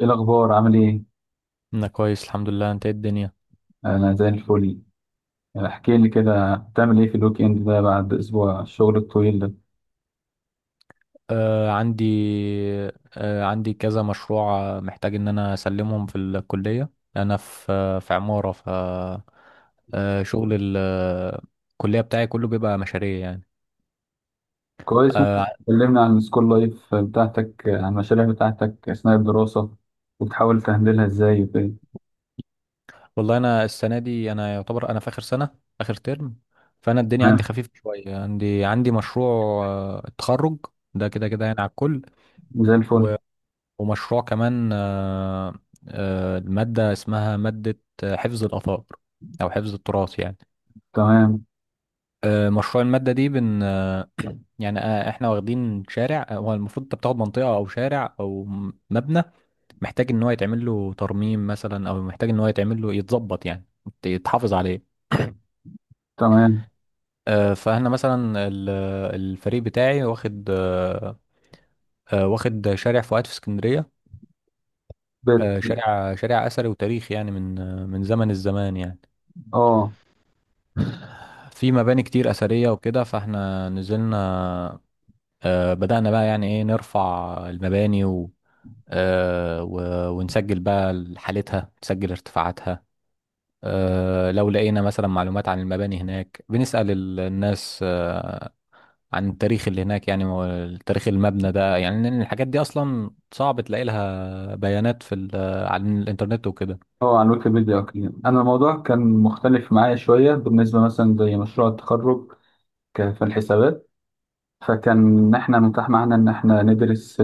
ايه الاخبار؟ عامل ايه؟ انا كويس الحمد لله. انت إيه الدنيا؟ انا زي الفل. يعني احكي لي كده، بتعمل ايه في الويك اند ده بعد اسبوع الشغل الطويل ده؟ آه عندي آه عندي كذا مشروع، محتاج ان انا اسلمهم في الكلية. انا في في عمارة ف آه شغل الكلية بتاعي كله بيبقى مشاريع يعني. كويس. ممكن آه تكلمنا عن السكول لايف بتاعتك، عن المشاريع بتاعتك اثناء الدراسه، وبتحاول تهندلها ازاي وكده؟ والله انا السنة دي انا يعتبر انا في اخر سنة، اخر ترم. فانا الدنيا عندي تمام. خفيفة شوية. عندي مشروع التخرج ده كده كده يعني على الكل. زي الفل. ومشروع كمان المادة اسمها مادة حفظ الآثار أو حفظ التراث يعني. تمام، مشروع المادة دي بن آه، يعني احنا واخدين شارع. هو المفروض انت بتاخد منطقة أو شارع أو مبنى محتاج إن هو يتعمل له ترميم مثلا، أو محتاج إن هو يتعمل له يتظبط يعني يتحافظ عليه. تمام. فاحنا مثلا الفريق بتاعي واخد واخد شارع فؤاد في اسكندرية. بت... شارع أثري وتاريخي يعني من من زمن الزمان يعني. اه، في مباني كتير أثرية وكده. فاحنا نزلنا، بدأنا بقى يعني ايه نرفع المباني، و ونسجل بقى حالتها، نسجل ارتفاعاتها. لو لقينا مثلا معلومات عن المباني هناك بنسأل الناس، عن التاريخ اللي هناك يعني، تاريخ المبنى ده يعني، لأن الحاجات دي أصلا صعب تلاقي لها بيانات في على الإنترنت وكده. اه، على الويكيبيديا وكده. انا الموضوع كان مختلف معايا شويه بالنسبه، مثلا زي مشروع التخرج في الحسابات. فكان إن احنا متاح معانا ان احنا ندرس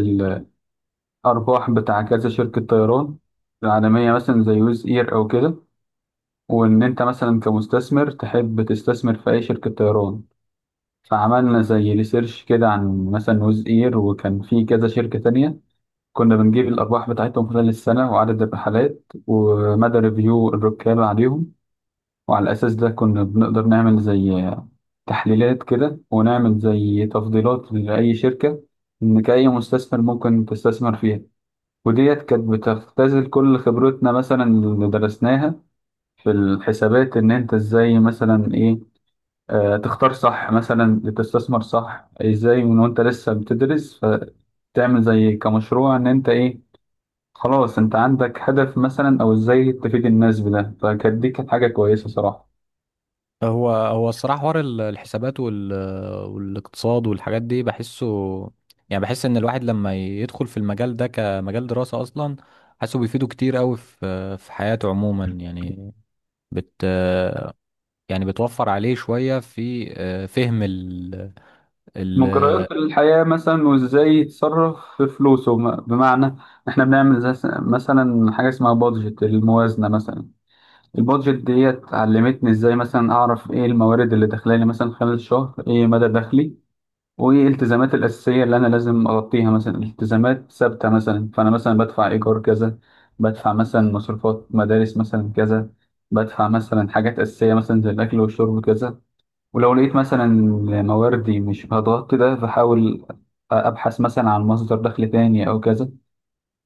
أرباح بتاع كذا شركة طيران العالمية مثلا زي ويز إير أو كده. وإن أنت مثلا كمستثمر تحب تستثمر في أي شركة طيران. فعملنا زي ريسيرش كده عن مثلا ويز إير، وكان في كذا شركة تانية. كنا بنجيب الأرباح بتاعتهم خلال السنة، وعدد الرحلات، ومدى ريفيو الركاب عليهم. وعلى الأساس ده كنا بنقدر نعمل زي تحليلات كده، ونعمل زي تفضيلات لأي شركة، إنك أي مستثمر ممكن تستثمر فيها. وديت كانت بتختزل كل خبرتنا مثلا اللي درسناها في الحسابات، ان انت ازاي مثلا ايه تختار صح، مثلا تستثمر صح ازاي من وانت لسه بتدرس. فتعمل زي كمشروع ان انت ايه، خلاص انت عندك هدف مثلا، او ازاي تفيد الناس بده. فكانت دي كانت حاجة كويسة صراحة. هو الصراحة حوار الحسابات والاقتصاد والحاجات دي بحسه، يعني بحس ان الواحد لما يدخل في المجال ده كمجال دراسة اصلا حاسه بيفيده كتير قوي في حياته عموما يعني. بت يعني بتوفر عليه شوية في فهم ال... مجريات الحياة مثلا وازاي يتصرف في فلوسه، بمعنى احنا بنعمل زي مثلا حاجة اسمها بادجت الموازنة مثلا. البادجت ديت علمتني ازاي مثلا اعرف ايه الموارد اللي داخلالي مثلا خلال الشهر، ايه مدى دخلي، وايه الالتزامات الاساسيه اللي انا لازم اغطيها. مثلا التزامات ثابته، مثلا فانا مثلا بدفع ايجار كذا، بدفع مثلا مصروفات مدارس مثلا كذا، بدفع مثلا حاجات اساسيه مثلا زي الاكل والشرب كذا. ولو لقيت مثلا مواردي مش هتغطي ده، فحاول ابحث مثلا عن مصدر دخل تاني او كذا.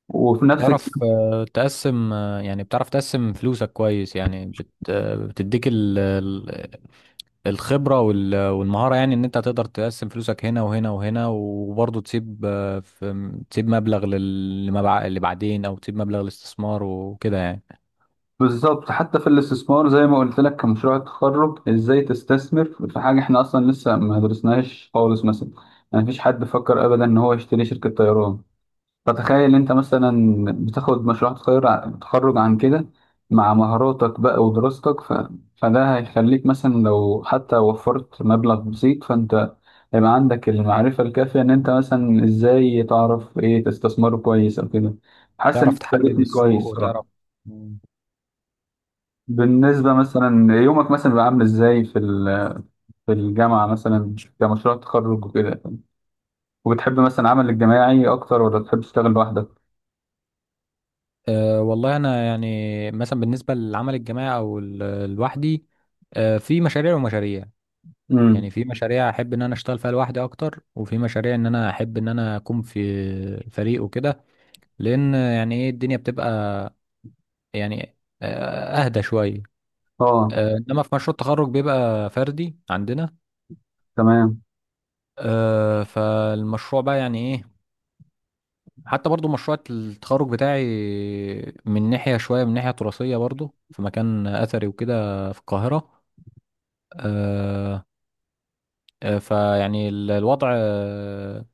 وفي نفس تعرف تقسم، يعني بتعرف تقسم فلوسك كويس يعني بت... آه، بتديك الخبرة والمهارة، يعني ان انت تقدر تقسم فلوسك هنا وهنا وهنا، وبرضه تسيب آه، في تسيب مبلغ اللي بعدين، او تسيب مبلغ للاستثمار وكده يعني. بالظبط. حتى في الاستثمار زي ما قلت لك كمشروع التخرج، ازاي تستثمر في حاجه احنا اصلا لسه ما درسناهاش خالص مثلا. يعني مفيش حد فكر ابدا ان هو يشتري شركه طيران. فتخيل انت مثلا بتاخد مشروع تخرج عن كده مع مهاراتك بقى ودراستك فده هيخليك مثلا لو حتى وفرت مبلغ بسيط، فانت هيبقى عندك المعرفه الكافيه ان انت مثلا ازاي تعرف ايه تستثمره كويس او كده. حاسس ان تعرف تحلل انت السوق كويس وتعرف. صراحه. مم. بالنسبة مثلا يومك مثلا بيبقى عامل ازاي في الجامعة مثلا كمشروع تخرج وكده؟ وبتحب مثلا العمل الجماعي أكتر ولا بتحب تشتغل لوحدك؟ أه والله انا يعني مثلا بالنسبة للعمل الجماعي او لوحدي، أه في مشاريع ومشاريع امم. يعني. في مشاريع احب ان انا اشتغل فيها لوحدي اكتر، وفي مشاريع ان انا احب ان انا اكون في فريق وكده، لان يعني ايه الدنيا بتبقى يعني اهدى شويه. اه. انما في مشروع التخرج بيبقى فردي عندنا. تمام. فالمشروع بقى يعني ايه، حتى برضو مشروع التخرج بتاعي من ناحية شوية من ناحية تراثية برضو، في مكان اثري وكده في القاهرة. آه، فيعني الوضع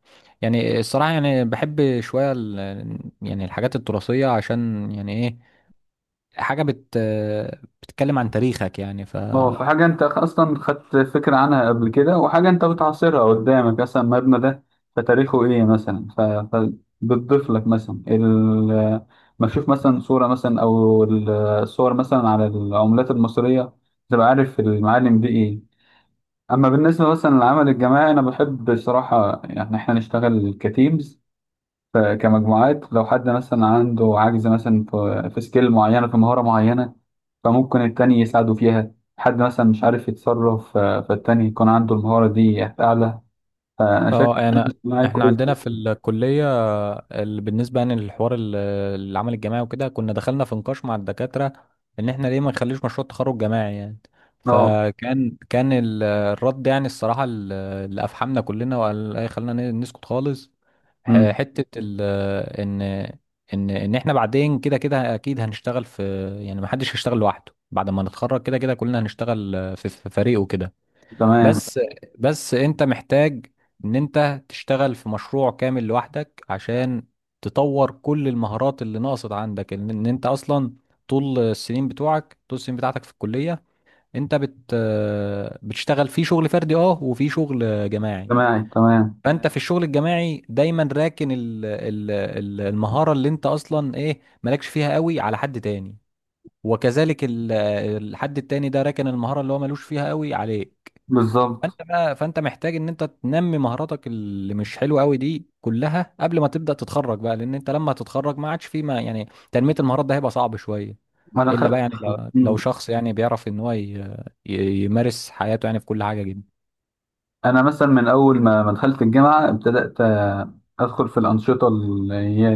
يعني الصراحة يعني بحب شوية يعني الحاجات التراثية عشان يعني ايه، حاجة بت آه، بتتكلم عن تاريخك يعني ف. اه، في حاجة أنت أصلا خدت فكرة عنها قبل كده، وحاجة أنت بتعاصرها قدامك مثلا المبنى ده، فتاريخه إيه مثلا فبتضيف لك مثلا ال... ما تشوف مثلا صورة مثلا أو الصور مثلا على العملات المصرية، تبقى عارف المعالم دي إيه. اما بالنسبه مثلا للعمل الجماعي، انا بحب بصراحه يعني احنا نشتغل كتيمز، كمجموعات. لو حد مثلا عنده عجز مثلا في سكيل معينه، في مهاره معينه، فممكن التاني يساعده فيها. حد مثلا مش عارف يتصرف فالتاني يكون عنده المهاره دي اعلى. فانا شايف اه انا اجتماعي احنا كويس. عندنا في الكليه بالنسبه يعني للحوار العمل الجماعي وكده، كنا دخلنا في نقاش مع الدكاتره ان احنا ليه ما نخليش مشروع تخرج جماعي يعني. اه. فكان الرد يعني الصراحه اللي افحمنا كلنا، وقال ايه خلينا نسكت خالص، ح- أمم. حته ال ان ان احنا بعدين كده كده اكيد هنشتغل في، يعني ما حدش هيشتغل لوحده بعد ما نتخرج. كده كده كلنا هنشتغل في فريق وكده. تمام. بس، بس انت محتاج ان انت تشتغل في مشروع كامل لوحدك عشان تطور كل المهارات اللي ناقصت عندك، ان انت اصلا طول السنين بتوعك، طول السنين بتاعتك في الكلية انت بتشتغل في شغل فردي، اه وفي شغل جماعي. اجتماعي تمام. فانت في الشغل الجماعي دايما راكن ال ال ال المهارة اللي انت اصلا ايه مالكش فيها قوي على حد تاني، وكذلك الحد التاني ده راكن المهارة اللي هو ملوش فيها قوي عليه. بالظبط. فانت بقى محتاج ان انت تنمي مهاراتك اللي مش حلوه قوي دي كلها قبل ما تبدا تتخرج بقى، لان انت لما تتخرج ما عادش في، ما يعني تنميه المهارات ده هيبقى صعب شويه، ما انا الا بقى خدت. يعني لو أمم. شخص يعني بيعرف ان هو يمارس حياته يعني في كل حاجه جدا. انا مثلا من اول ما دخلت الجامعه، ابتدات ادخل في الانشطه اللي هي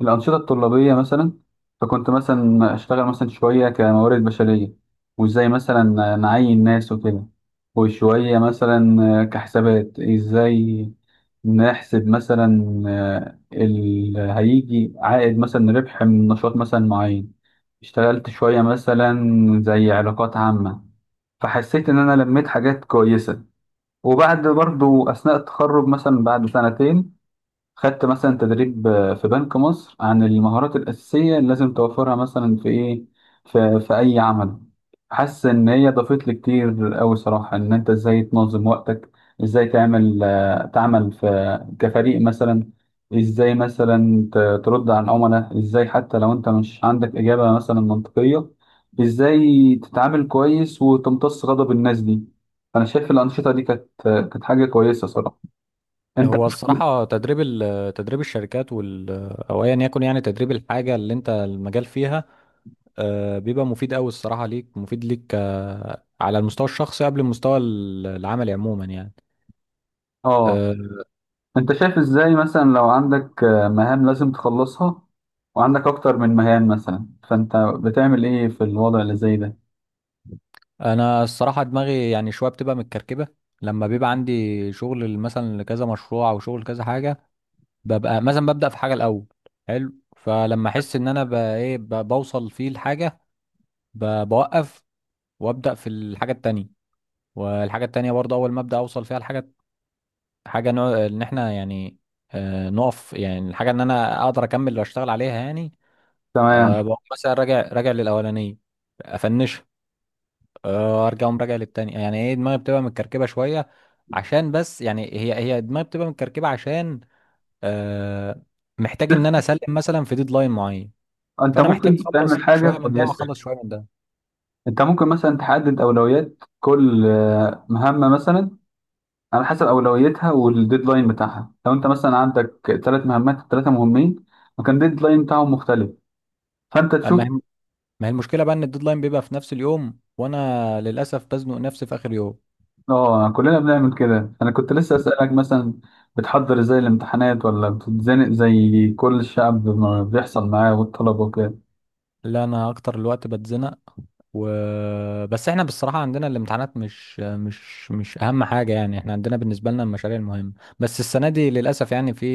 الأنشطة الطلابية مثلا. فكنت مثلا أشتغل مثلا شوية كموارد بشرية، وإزاي مثلا نعين ناس وكده، وشوية مثلا كحسابات، إزاي نحسب مثلا اللي هيجي عائد مثلا ربح من نشاط مثلا معين. اشتغلت شوية مثلا زي علاقات عامة، فحسيت إن أنا لميت حاجات كويسة. وبعد برضو أثناء التخرج مثلا بعد سنتين، خدت مثلا تدريب في بنك مصر عن المهارات الأساسية اللي لازم توفرها مثلا في إيه، في أي عمل. حاسس إن هي ضافت لي كتير أوي صراحة، إن أنت إزاي تنظم وقتك، إزاي تعمل في كفريق مثلا، إزاي مثلا ترد على العملاء، إزاي حتى لو أنت مش عندك إجابة مثلا منطقية، إزاي تتعامل كويس وتمتص غضب الناس دي. أنا شايف الأنشطة دي كانت حاجة كويسة صراحة. أنت هو الصراحه تدريب تدريب الشركات او ايا يكن، يعني تدريب الحاجه اللي انت المجال فيها، بيبقى مفيد قوي الصراحه ليك، مفيد ليك على المستوى الشخصي قبل المستوى العملي عموما يعني. آه آه، انت شايف ازاي مثلا لو عندك مهام لازم تخلصها، وعندك اكتر من مهام مثلا، فانت بتعمل ايه في الوضع اللي زي ده؟ انا الصراحه دماغي يعني شويه بتبقى متكركبه لما بيبقى عندي شغل مثلا لكذا مشروع او شغل كذا حاجه. ببقى مثلا ببدا في حاجه الاول، حلو، فلما احس ان انا بوصل فيه الحاجه بوقف وابدا في الحاجه التانية. والحاجه التانية برضه اول ما ابدا اوصل فيها الحاجه، حاجه نوع ان احنا يعني نقف، يعني الحاجه ان انا اقدر اكمل واشتغل عليها يعني. تمام. بقوم مثلا راجع للاولانيه افنشها، ارجع اقوم راجع للتاني. يعني ايه دماغي بتبقى متكركبه شويه عشان بس. يعني هي دماغي بتبقى متكركبه عشان آه محتاج ان انا اسلم مثلا في ديدلاين معين، انت فانا محتاج ممكن اخلص تعمل حاجة شويه من ده كويسة. واخلص شويه من ده. انت ممكن مثلا تحدد اولويات كل مهمة مثلا، على حسب اولويتها والديدلاين بتاعها. لو انت مثلا عندك ثلاث مهمات ثلاثة مهمين، وكان الديدلاين بتاعهم مختلف، فانت تشوف. اما هي، ما هي المشكله بقى ان الديدلاين بيبقى في نفس اليوم، وانا للاسف بزنق نفسي في اخر يوم. اه، كلنا بنعمل كده. انا كنت لسه اسالك مثلا، بتحضر ازاي الامتحانات ولا بتتزنق زي كل الشعب ما بيحصل معاه والطلبه وكده؟ لا انا اكتر الوقت بتزنق بس احنا بالصراحة عندنا الامتحانات مش أهم حاجة يعني، احنا عندنا بالنسبة لنا المشاريع المهمة. بس السنة دي للأسف يعني في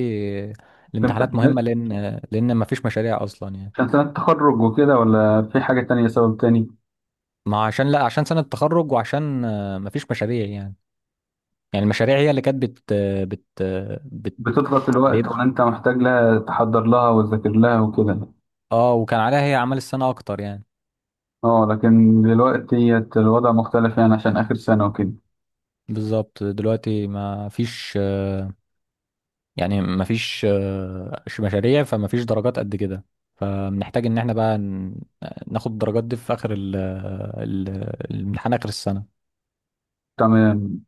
في الامتحانات امتحانات مهمة لأن مفيش مشاريع أصلا يعني. عشان سنه تخرج وكده، ولا في حاجه تانية سبب تاني؟ ما عشان، لا عشان سنة تخرج وعشان مفيش مشاريع يعني. يعني المشاريع هي اللي كانت بت بت بتضغط الوقت بيب- ولا انت محتاج لها تحضر لها وتذاكر لها وكده؟ اه، وكان عليها هي أعمال السنة أكتر يعني. اه، لكن دلوقتي الوضع مختلف يعني عشان اخر سنه وكده. بالظبط دلوقتي ما فيش، يعني مفيش مشاريع، فمفيش درجات قد كده. فبنحتاج ان احنا بقى ناخد الدرجات دي في اخر الامتحان اخر السنة. تمام.